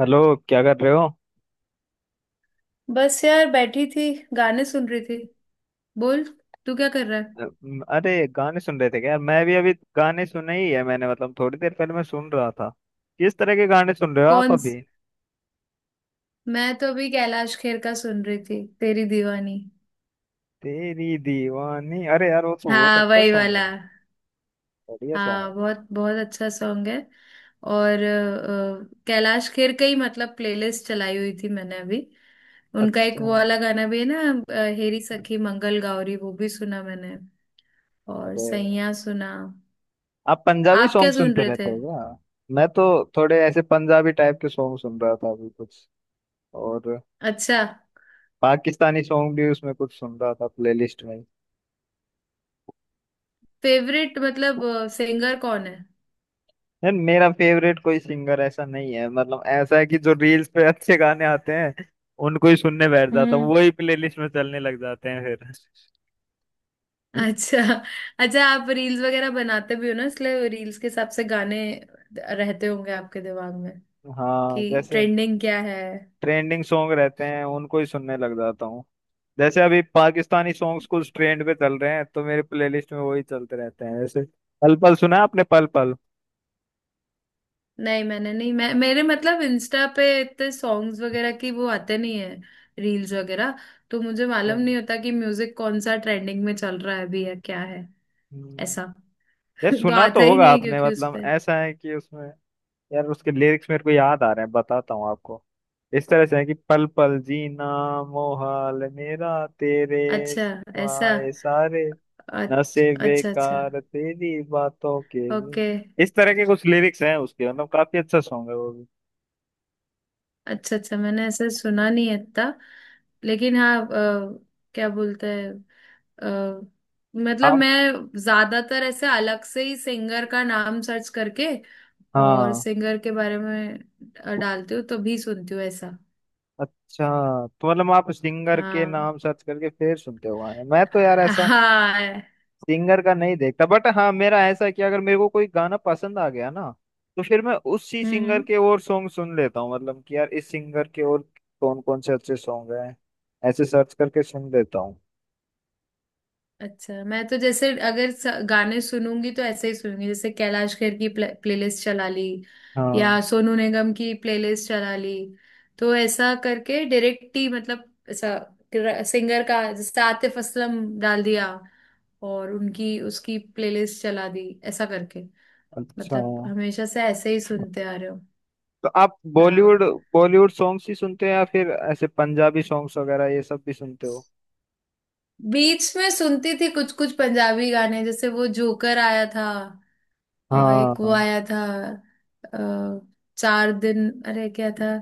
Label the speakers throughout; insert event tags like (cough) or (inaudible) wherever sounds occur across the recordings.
Speaker 1: Hello. क्या कर रहे हो?
Speaker 2: बस यार बैठी थी। गाने सुन रही थी। बोल, तू क्या कर रहा है।
Speaker 1: अ, अरे गाने सुन रहे थे क्या यार। मैं भी अभी गाने सुने ही है मैंने, मतलब थोड़ी देर पहले मैं सुन रहा था। किस तरह के गाने सुन रहे हो आप
Speaker 2: कौन स-
Speaker 1: अभी?
Speaker 2: मैं तो अभी कैलाश खेर का सुन रही थी, तेरी दीवानी।
Speaker 1: तेरी दीवानी, अरे यार वो तो बहुत
Speaker 2: हाँ,
Speaker 1: अच्छा
Speaker 2: वही
Speaker 1: सॉन्ग
Speaker 2: वाला।
Speaker 1: है। बढ़िया सॉन्ग
Speaker 2: हाँ,
Speaker 1: है।
Speaker 2: बहुत बहुत अच्छा सॉन्ग है। और कैलाश खेर का ही मतलब प्लेलिस्ट चलाई हुई थी मैंने अभी। उनका एक
Speaker 1: अच्छा।
Speaker 2: वो वाला गाना भी है ना। हेरी सखी मंगल गौरी वो भी सुना मैंने। और
Speaker 1: अरे
Speaker 2: सैया सुना।
Speaker 1: आप पंजाबी
Speaker 2: आप क्या
Speaker 1: सॉन्ग
Speaker 2: सुन
Speaker 1: सुनते
Speaker 2: रहे
Speaker 1: रहते
Speaker 2: थे?
Speaker 1: हो क्या? मैं तो थोड़े ऐसे पंजाबी टाइप के सॉन्ग सुन रहा था अभी कुछ, और
Speaker 2: अच्छा।
Speaker 1: पाकिस्तानी सॉन्ग भी उसमें कुछ सुन रहा था प्लेलिस्ट में।
Speaker 2: फेवरेट मतलब सिंगर कौन है?
Speaker 1: यार मेरा फेवरेट कोई सिंगर ऐसा नहीं है, मतलब ऐसा है कि जो रील्स पे अच्छे गाने आते हैं उनको ही सुनने बैठ जाता हूँ,
Speaker 2: हम्म।
Speaker 1: वही प्लेलिस्ट में चलने लग जाते हैं फिर।
Speaker 2: अच्छा अच्छा, आप रील्स वगैरह बनाते भी हो ना, इसलिए रील्स के हिसाब से गाने रहते होंगे आपके दिमाग में
Speaker 1: हाँ
Speaker 2: कि
Speaker 1: जैसे
Speaker 2: ट्रेंडिंग क्या है।
Speaker 1: ट्रेंडिंग सॉन्ग रहते हैं उनको ही सुनने लग जाता हूँ। जैसे अभी पाकिस्तानी सॉन्ग्स कुछ ट्रेंड पे चल रहे हैं तो मेरे प्लेलिस्ट में वही चलते रहते हैं। जैसे पल पल सुना है आपने? पल पल।
Speaker 2: नहीं, मैंने नहीं, मैं मेरे मतलब इंस्टा पे इतने सॉन्ग्स वगैरह की वो आते नहीं है, रील्स वगैरह। तो मुझे मालूम नहीं होता कि म्यूजिक कौन सा ट्रेंडिंग में चल रहा है अभी या क्या है।
Speaker 1: हम्म,
Speaker 2: ऐसा
Speaker 1: ये
Speaker 2: (laughs) तो
Speaker 1: सुना तो
Speaker 2: आता ही
Speaker 1: होगा
Speaker 2: नहीं है
Speaker 1: आपने,
Speaker 2: क्योंकि उस
Speaker 1: मतलब
Speaker 2: पे।
Speaker 1: ऐसा है कि उसमें, यार उसके लिरिक्स मेरे को याद आ रहे हैं, बताता हूँ आपको। इस तरह से है कि पल पल जीना मोहाल मेरा, तेरे
Speaker 2: अच्छा। ऐसा।
Speaker 1: सिवाय सारे
Speaker 2: अच्छा
Speaker 1: नशे
Speaker 2: अच्छा अच्छा।
Speaker 1: बेकार तेरी बातों के लिए।
Speaker 2: ओके।
Speaker 1: इस तरह के कुछ लिरिक्स हैं उसके, मतलब काफी अच्छा सॉन्ग है वो भी।
Speaker 2: अच्छा अच्छा, मैंने ऐसा सुना नहीं है इतना। लेकिन हाँ, क्या बोलते हैं, अ, मतलब
Speaker 1: आप।
Speaker 2: मैं ज्यादातर ऐसे अलग से ही सिंगर का नाम सर्च करके और
Speaker 1: हाँ।
Speaker 2: सिंगर के बारे में डालती हूँ तो भी सुनती हूँ ऐसा।
Speaker 1: अच्छा। तो मतलब आप सिंगर के
Speaker 2: हाँ,
Speaker 1: नाम सर्च करके फिर सुनते हो गाने? मैं तो यार ऐसा
Speaker 2: हाँ,
Speaker 1: सिंगर का नहीं देखता, बट हाँ मेरा ऐसा है कि अगर मेरे को कोई गाना पसंद आ गया ना, तो फिर मैं उसी सिंगर
Speaker 2: हम्म।
Speaker 1: के और सॉन्ग सुन लेता हूँ। मतलब कि यार इस सिंगर के और कौन कौन से अच्छे सॉन्ग हैं ऐसे सर्च करके सुन लेता हूँ।
Speaker 2: अच्छा, मैं तो जैसे अगर गाने सुनूंगी तो ऐसे ही सुनूंगी, जैसे कैलाश खेर की प्लेलिस्ट चला ली।
Speaker 1: हाँ।
Speaker 2: या सोनू निगम की प्लेलिस्ट चला ली। तो ऐसा करके डायरेक्ट ही मतलब, ऐसा सिंगर का जैसे आतिफ असलम डाल दिया और उनकी उसकी प्लेलिस्ट चला दी ऐसा करके।
Speaker 1: अच्छा।
Speaker 2: मतलब हमेशा से ऐसे ही सुनते आ रहे हो।
Speaker 1: तो आप
Speaker 2: हाँ।
Speaker 1: बॉलीवुड बॉलीवुड सॉन्ग्स ही सुनते हैं या फिर ऐसे पंजाबी सॉन्ग्स वगैरह ये सब भी सुनते हो?
Speaker 2: बीच में सुनती थी कुछ कुछ पंजाबी गाने, जैसे वो जोकर आया था। और
Speaker 1: हाँ
Speaker 2: एक वो
Speaker 1: हाँ।
Speaker 2: आया था अ, चार दिन, अरे क्या था,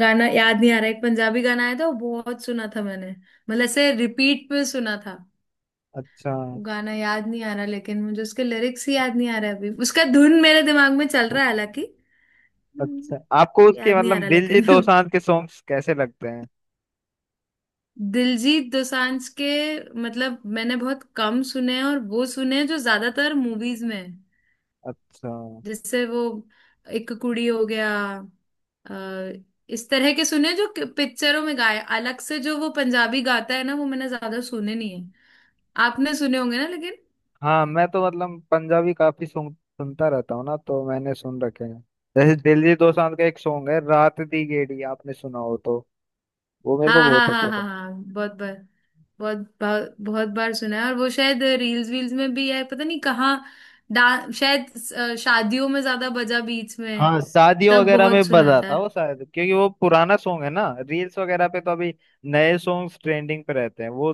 Speaker 2: गाना याद नहीं आ रहा। एक पंजाबी गाना आया था, वो बहुत सुना था मैंने, मतलब ऐसे रिपीट पे सुना था।
Speaker 1: अच्छा
Speaker 2: वो गाना याद नहीं आ रहा, लेकिन मुझे उसके लिरिक्स ही याद नहीं आ रहा अभी, उसका धुन मेरे दिमाग में चल रहा है हालांकि।
Speaker 1: अच्छा
Speaker 2: हम्म,
Speaker 1: आपको उसके
Speaker 2: याद नहीं आ
Speaker 1: मतलब
Speaker 2: रहा लेकिन।
Speaker 1: दिलजीत दोसांझ के सॉन्ग्स कैसे लगते हैं?
Speaker 2: (laughs) दिलजीत दोसांझ के मतलब मैंने बहुत कम सुने हैं, और वो सुने हैं जो ज्यादातर मूवीज में हैं।
Speaker 1: अच्छा।
Speaker 2: जिससे वो एक कुड़ी हो गया, अ, इस तरह के सुने, जो पिक्चरों में गाए। अलग से जो वो पंजाबी गाता है ना, वो मैंने ज्यादा सुने नहीं है। आपने सुने होंगे ना, लेकिन।
Speaker 1: हाँ मैं तो मतलब पंजाबी काफी सुनता रहता हूँ ना, तो मैंने सुन रखे हैं। जैसे दिलजीत दोसांझ का एक सॉन्ग है रात दी गेड़ी, आपने सुना हो तो। वो मेरे को
Speaker 2: हाँ, हाँ,
Speaker 1: बहुत
Speaker 2: हाँ,
Speaker 1: अच्छा
Speaker 2: हाँ,
Speaker 1: था।
Speaker 2: हाँ, बहुत बार। बहुत बहुत बहुत बार सुना है। और वो शायद रील्स वील्स में भी है, पता नहीं कहाँ। डा शायद शादियों में ज्यादा बजा बीच में,
Speaker 1: हाँ शादियों
Speaker 2: तब
Speaker 1: वगैरह
Speaker 2: बहुत
Speaker 1: में
Speaker 2: सुना था।
Speaker 1: बजाता वो शायद, क्योंकि वो पुराना सॉन्ग है ना, रील्स वगैरह पे तो अभी नए सॉन्ग ट्रेंडिंग पे रहते हैं। वो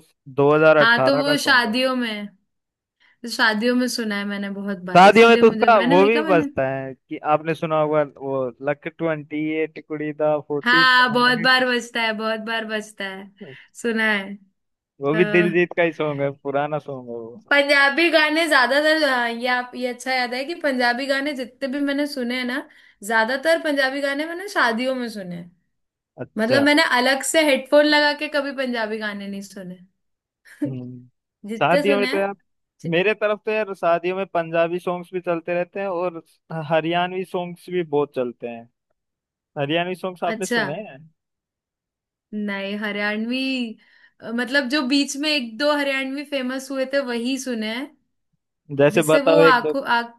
Speaker 2: हाँ, तो
Speaker 1: 2018 का
Speaker 2: वो
Speaker 1: सॉन्ग है।
Speaker 2: शादियों में, शादियों में सुना है मैंने बहुत बार,
Speaker 1: शादियों में
Speaker 2: इसीलिए
Speaker 1: तो
Speaker 2: मुझे
Speaker 1: उसका
Speaker 2: मैंने
Speaker 1: वो
Speaker 2: वही
Speaker 1: भी
Speaker 2: कहा मैंने।
Speaker 1: बजता है कि आपने सुना होगा, वो लक 28 कुड़ी दा फोर्टी
Speaker 2: हाँ, बहुत
Speaker 1: सेवन,
Speaker 2: बार बजता है, बहुत बार बजता है, सुना है।
Speaker 1: वो भी
Speaker 2: अ,
Speaker 1: दिलजीत का ही सॉन्ग है, पुराना सॉन्ग है वो।
Speaker 2: पंजाबी गाने ज्यादातर, हाँ, ये आप ये अच्छा याद है कि पंजाबी गाने जितने भी मैंने सुने हैं ना, ज्यादातर पंजाबी गाने मैंने शादियों में सुने हैं। मतलब
Speaker 1: अच्छा।
Speaker 2: मैंने अलग से हेडफोन लगा के कभी पंजाबी गाने नहीं सुने। (laughs)
Speaker 1: हम्म
Speaker 2: जितने
Speaker 1: शादियों में
Speaker 2: सुने
Speaker 1: तो
Speaker 2: हैं।
Speaker 1: यार
Speaker 2: जि-
Speaker 1: मेरे तरफ तो यार शादियों में पंजाबी सॉन्ग्स भी चलते रहते हैं, और हरियाणवी सॉन्ग्स भी बहुत चलते हैं। हरियाणवी सॉन्ग्स आपने
Speaker 2: अच्छा,
Speaker 1: सुने हैं?
Speaker 2: नहीं, हरियाणवी। मतलब जो बीच में एक दो हरियाणवी फेमस हुए थे, वही सुने हैं।
Speaker 1: जैसे
Speaker 2: जिससे वो
Speaker 1: बताओ एक दो।
Speaker 2: आंखों आंख,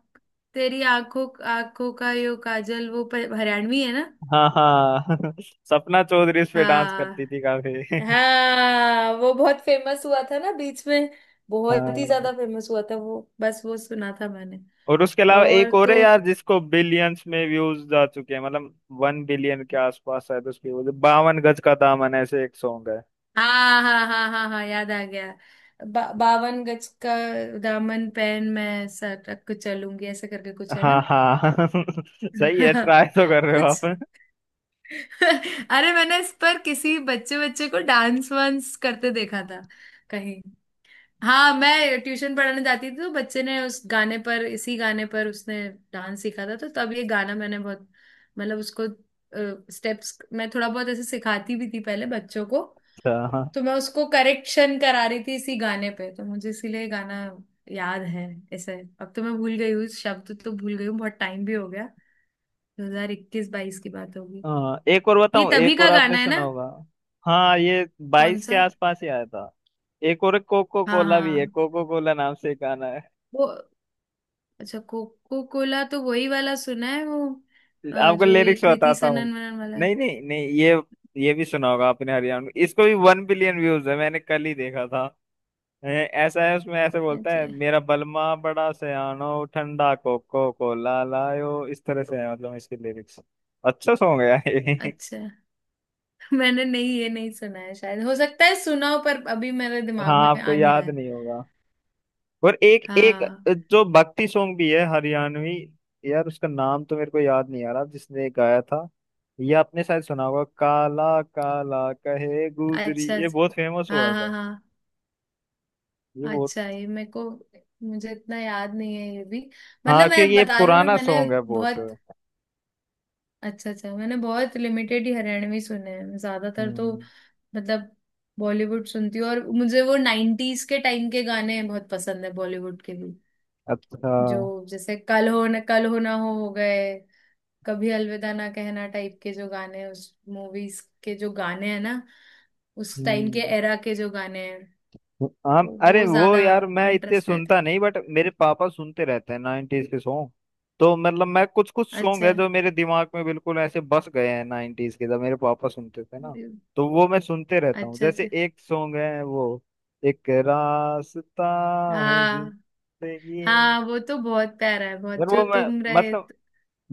Speaker 2: तेरी आंखों, आंखों का यो काजल, वो हरियाणवी है ना।
Speaker 1: हाँ हाँ (laughs) सपना चौधरी इस पे डांस
Speaker 2: हाँ,
Speaker 1: करती थी काफी। (laughs)
Speaker 2: हाँ, वो बहुत फेमस हुआ था ना बीच में। बहुत ही
Speaker 1: हाँ।
Speaker 2: ज्यादा फेमस हुआ था वो, बस वो सुना था मैंने,
Speaker 1: और उसके अलावा
Speaker 2: और
Speaker 1: एक और है
Speaker 2: तो।
Speaker 1: यार जिसको बिलियंस में व्यूज जा चुके हैं, मतलब वन बिलियन के आसपास शायद उसकी। वो जो 52 गज का दामन ऐसे एक सॉन्ग है।
Speaker 2: हाँ, हाँ, हाँ, हाँ, हाँ, याद आ गया। बावन गज का दामन, पहन मैं सटक के चलूंगी, ऐसा करके कुछ है
Speaker 1: हाँ
Speaker 2: ना।
Speaker 1: हाँ (laughs) सही है,
Speaker 2: (laughs)
Speaker 1: ट्राई तो कर रहे हो आप।
Speaker 2: कुछ।
Speaker 1: (laughs)
Speaker 2: (laughs) अरे, मैंने इस पर किसी बच्चे बच्चे को डांस वांस करते देखा था कहीं। हाँ, मैं ट्यूशन पढ़ाने जाती थी तो बच्चे ने उस गाने पर, इसी गाने पर उसने डांस सीखा था, तो तब ये गाना मैंने बहुत मतलब, उसको स्टेप्स मैं थोड़ा बहुत ऐसे सिखाती भी थी पहले बच्चों को।
Speaker 1: अच्छा, हाँ।
Speaker 2: तो मैं उसको करेक्शन करा रही थी इसी गाने पे, तो मुझे इसीलिए ये गाना याद है ऐसे। अब तो मैं भूल गई हूँ, शब्द तो भूल गई हूँ, बहुत टाइम भी हो गया। 2021 22 की बात होगी,
Speaker 1: हाँ एक और
Speaker 2: ये
Speaker 1: बताऊं,
Speaker 2: तभी
Speaker 1: एक
Speaker 2: का
Speaker 1: और आपने
Speaker 2: गाना है ना।
Speaker 1: सुना होगा। हाँ ये
Speaker 2: कौन
Speaker 1: 22 के
Speaker 2: सा।
Speaker 1: आसपास ही आया था। एक और कोको
Speaker 2: हाँ,
Speaker 1: कोला भी है,
Speaker 2: हाँ,
Speaker 1: कोको कोला नाम से एक गाना है।
Speaker 2: वो। अच्छा, कोको कोला तो वही वाला सुना है, वो
Speaker 1: आपको
Speaker 2: जो ये
Speaker 1: लिरिक्स
Speaker 2: कृति
Speaker 1: बताता हूँ।
Speaker 2: सनन वनन वाला।
Speaker 1: नहीं नहीं नहीं, ये ये भी सुना होगा आपने हरियाणा में, इसको भी वन बिलियन व्यूज है, मैंने कल ही देखा था। ऐसा है उसमें ऐसे बोलता है,
Speaker 2: अच्छा
Speaker 1: मेरा बलमा बड़ा सयानो ठंडा कोको कोला लायो, इस तरह से है मतलब इसके लिरिक्स। अच्छा सॉन्ग है यार ये।
Speaker 2: अच्छा। (laughs) मैंने नहीं, ये नहीं सुना है शायद। हो सकता है सुना हो पर अभी मेरे दिमाग
Speaker 1: हाँ
Speaker 2: में
Speaker 1: आपको
Speaker 2: आ नहीं रहा
Speaker 1: याद
Speaker 2: है।
Speaker 1: नहीं होगा। और एक एक
Speaker 2: हाँ,
Speaker 1: जो भक्ति सॉन्ग भी है हरियाणवी, यार उसका नाम तो मेरे को याद नहीं आ रहा जिसने गाया था। ये आपने शायद सुना होगा, काला काला कहे गुजरी,
Speaker 2: अच्छा
Speaker 1: ये
Speaker 2: अच्छा,
Speaker 1: बहुत फेमस हुआ
Speaker 2: हाँ, हाँ,
Speaker 1: था।
Speaker 2: हाँ।
Speaker 1: ये बहुत।
Speaker 2: अच्छा, ये मेरे को, मुझे इतना याद नहीं है ये भी, मतलब
Speaker 1: हाँ क्योंकि
Speaker 2: मैं
Speaker 1: ये
Speaker 2: बता रही हूँ ना
Speaker 1: पुराना
Speaker 2: मैंने
Speaker 1: सॉन्ग है बहुत।
Speaker 2: बहुत। अच्छा अच्छा, मैंने बहुत लिमिटेड ही हरियाणवी सुने हैं ज्यादातर तो,
Speaker 1: हम्म।
Speaker 2: मतलब बॉलीवुड सुनती हूँ, और मुझे वो नाइन्टीज के टाइम के गाने बहुत पसंद है, बॉलीवुड के भी।
Speaker 1: अच्छा।
Speaker 2: जो जैसे कल हो न, कल हो ना हो गए, कभी अलविदा ना कहना टाइप के जो गाने हैं, उस मूवीज के जो गाने हैं ना, उस टाइम के
Speaker 1: हम्म।
Speaker 2: एरा के जो गाने हैं।
Speaker 1: हाँ
Speaker 2: तो
Speaker 1: अरे
Speaker 2: वो
Speaker 1: वो
Speaker 2: ज्यादा
Speaker 1: यार मैं इतने
Speaker 2: इंटरेस्ट रहते
Speaker 1: सुनता
Speaker 2: हैं।
Speaker 1: नहीं, बट मेरे पापा सुनते रहते हैं 90s के सॉन्ग। तो मतलब मैं कुछ कुछ सॉन्ग है
Speaker 2: अच्छा
Speaker 1: जो मेरे दिमाग में बिल्कुल ऐसे बस गए हैं 90s के, जब मेरे पापा सुनते थे ना तो वो मैं सुनते रहता हूँ।
Speaker 2: अच्छा अच्छा।
Speaker 1: जैसे एक सॉन्ग है वो एक रास्ता है
Speaker 2: हाँ,
Speaker 1: जिंदगी,
Speaker 2: हाँ, वो तो बहुत प्यारा है, बहुत
Speaker 1: और
Speaker 2: जो
Speaker 1: वो मैं
Speaker 2: तुम रहे।
Speaker 1: मतलब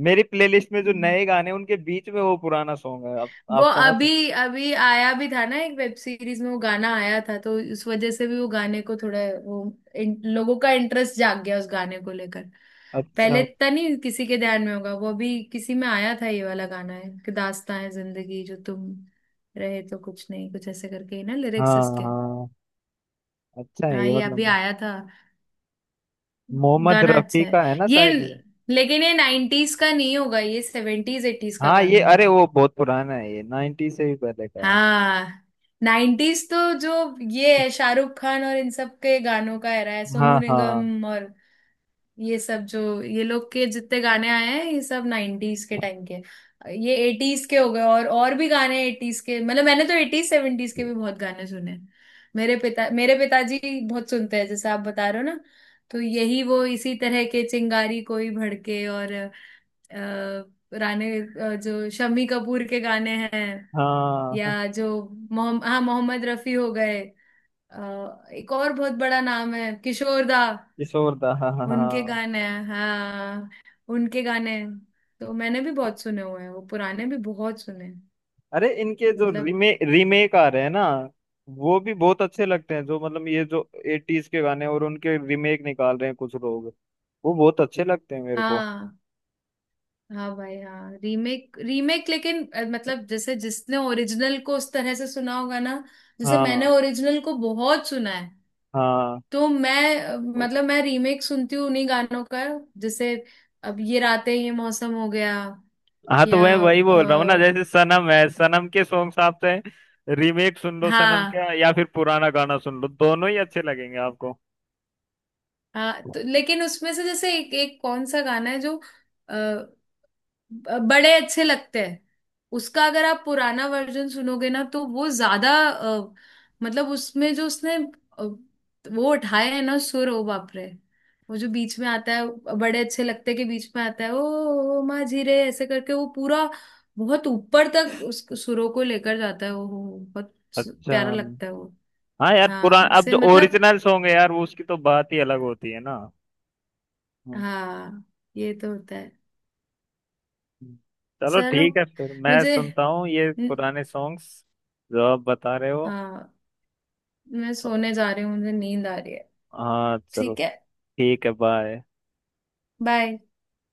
Speaker 1: मेरी प्लेलिस्ट में जो नए गाने हैं, उनके बीच में वो पुराना सॉन्ग है। आप,
Speaker 2: वो
Speaker 1: आप समझ।
Speaker 2: अभी अभी आया भी था ना एक वेब सीरीज में, वो गाना आया था, तो उस वजह से भी वो गाने को थोड़ा वो लोगों का इंटरेस्ट जाग गया उस गाने को लेकर। पहले
Speaker 1: अच्छा।
Speaker 2: इतना नहीं किसी के ध्यान में होगा वो, अभी किसी में आया था। ये वाला गाना है कि दास्तां है जिंदगी, जो तुम रहे तो कुछ नहीं, कुछ ऐसे करके ही ना लिरिक्स
Speaker 1: हाँ
Speaker 2: इसके।
Speaker 1: हाँ। अच्छा है
Speaker 2: हाँ,
Speaker 1: ये,
Speaker 2: ये अभी
Speaker 1: मतलब
Speaker 2: आया था।
Speaker 1: मोहम्मद
Speaker 2: गाना
Speaker 1: रफी
Speaker 2: अच्छा है
Speaker 1: का है ना
Speaker 2: ये,
Speaker 1: शायद।
Speaker 2: लेकिन ये नाइन्टीज का नहीं होगा, ये सेवेंटीज एटीज का
Speaker 1: हाँ
Speaker 2: गाना
Speaker 1: ये अरे
Speaker 2: होगा।
Speaker 1: वो बहुत पुराना है, ये 90 से भी पहले का है।
Speaker 2: हाँ। नाइन्टीज तो जो ये है शाहरुख खान और इन सब के गानों का era है,
Speaker 1: हाँ
Speaker 2: सोनू
Speaker 1: हाँ
Speaker 2: निगम और ये सब, जो ये लोग के जितने गाने आए हैं ये सब नाइन्टीज के टाइम के। ये एटीज के हो गए। और भी गाने एटीज के मतलब, मैंने तो एटीज सेवेंटीज के भी बहुत गाने सुने हैं। मेरे पिता, मेरे पिताजी बहुत सुनते हैं जैसे आप बता रहे हो ना, तो यही वो इसी तरह के चिंगारी कोई भड़के, और राणे, जो शम्मी कपूर के गाने हैं,
Speaker 1: हाँ
Speaker 2: या जो मोहम्मद, हाँ, मोहम्मद रफी हो गए। एक और बहुत बड़ा नाम है किशोर दा।
Speaker 1: किशोरदा, हाँ हाँ
Speaker 2: उनके
Speaker 1: हाँ।
Speaker 2: गाने हैं, हाँ, उनके गाने हैं। तो मैंने भी बहुत सुने हुए हैं, वो पुराने भी बहुत सुने हैं।
Speaker 1: अरे इनके जो
Speaker 2: मतलब।
Speaker 1: रीमेक रीमेक आ रहे हैं ना, वो भी बहुत अच्छे लगते हैं। जो मतलब ये जो 80s के गाने और उनके रीमेक निकाल रहे हैं कुछ लोग, वो बहुत अच्छे लगते हैं मेरे को।
Speaker 2: हाँ, हाँ भाई, हाँ, रीमेक रीमेक, लेकिन मतलब जैसे जिसने ओरिजिनल को उस तरह से सुना होगा ना, जैसे मैंने
Speaker 1: हाँ
Speaker 2: ओरिजिनल को बहुत सुना है।
Speaker 1: हाँ
Speaker 2: तो मैं मतलब मैं रीमेक सुनती हूँ उन्हीं गानों का। जैसे अब ये रातें ये मौसम हो गया,
Speaker 1: हाँ तो
Speaker 2: या
Speaker 1: मैं वही बोल रहा हूँ ना, जैसे सनम है, सनम के सॉन्ग्स आप चाहे रीमेक सुन लो सनम
Speaker 2: हाँ
Speaker 1: का, या फिर पुराना गाना सुन लो, दोनों ही अच्छे लगेंगे आपको।
Speaker 2: हाँ, तो लेकिन उसमें से जैसे एक एक कौन सा गाना है जो अ, बड़े अच्छे लगते हैं। उसका अगर आप पुराना वर्जन सुनोगे ना तो वो ज्यादा मतलब उसमें जो उसने वो उठाए हैं ना सुर, ओ बाप रे, वो जो बीच में आता है, बड़े अच्छे लगते के बीच में आता है, ओ माँ जी रे ऐसे करके, वो पूरा बहुत ऊपर तक उस सुरों को लेकर जाता है, वो बहुत
Speaker 1: अच्छा।
Speaker 2: प्यारा लगता है वो।
Speaker 1: हाँ यार
Speaker 2: हाँ
Speaker 1: पुराना, अब
Speaker 2: से
Speaker 1: जो
Speaker 2: मतलब,
Speaker 1: ओरिजिनल सॉन्ग है यार वो उसकी तो बात ही अलग होती है ना। हाँ
Speaker 2: हाँ, ये तो होता है।
Speaker 1: हाँ। चलो
Speaker 2: चलो,
Speaker 1: ठीक है फिर मैं
Speaker 2: मुझे,
Speaker 1: सुनता हूँ ये पुराने सॉन्ग्स जो आप बता रहे हो।
Speaker 2: हाँ, मैं सोने जा रही हूँ, मुझे नींद आ रही है।
Speaker 1: हाँ चलो।
Speaker 2: ठीक है,
Speaker 1: ठीक है बाय।
Speaker 2: बाय।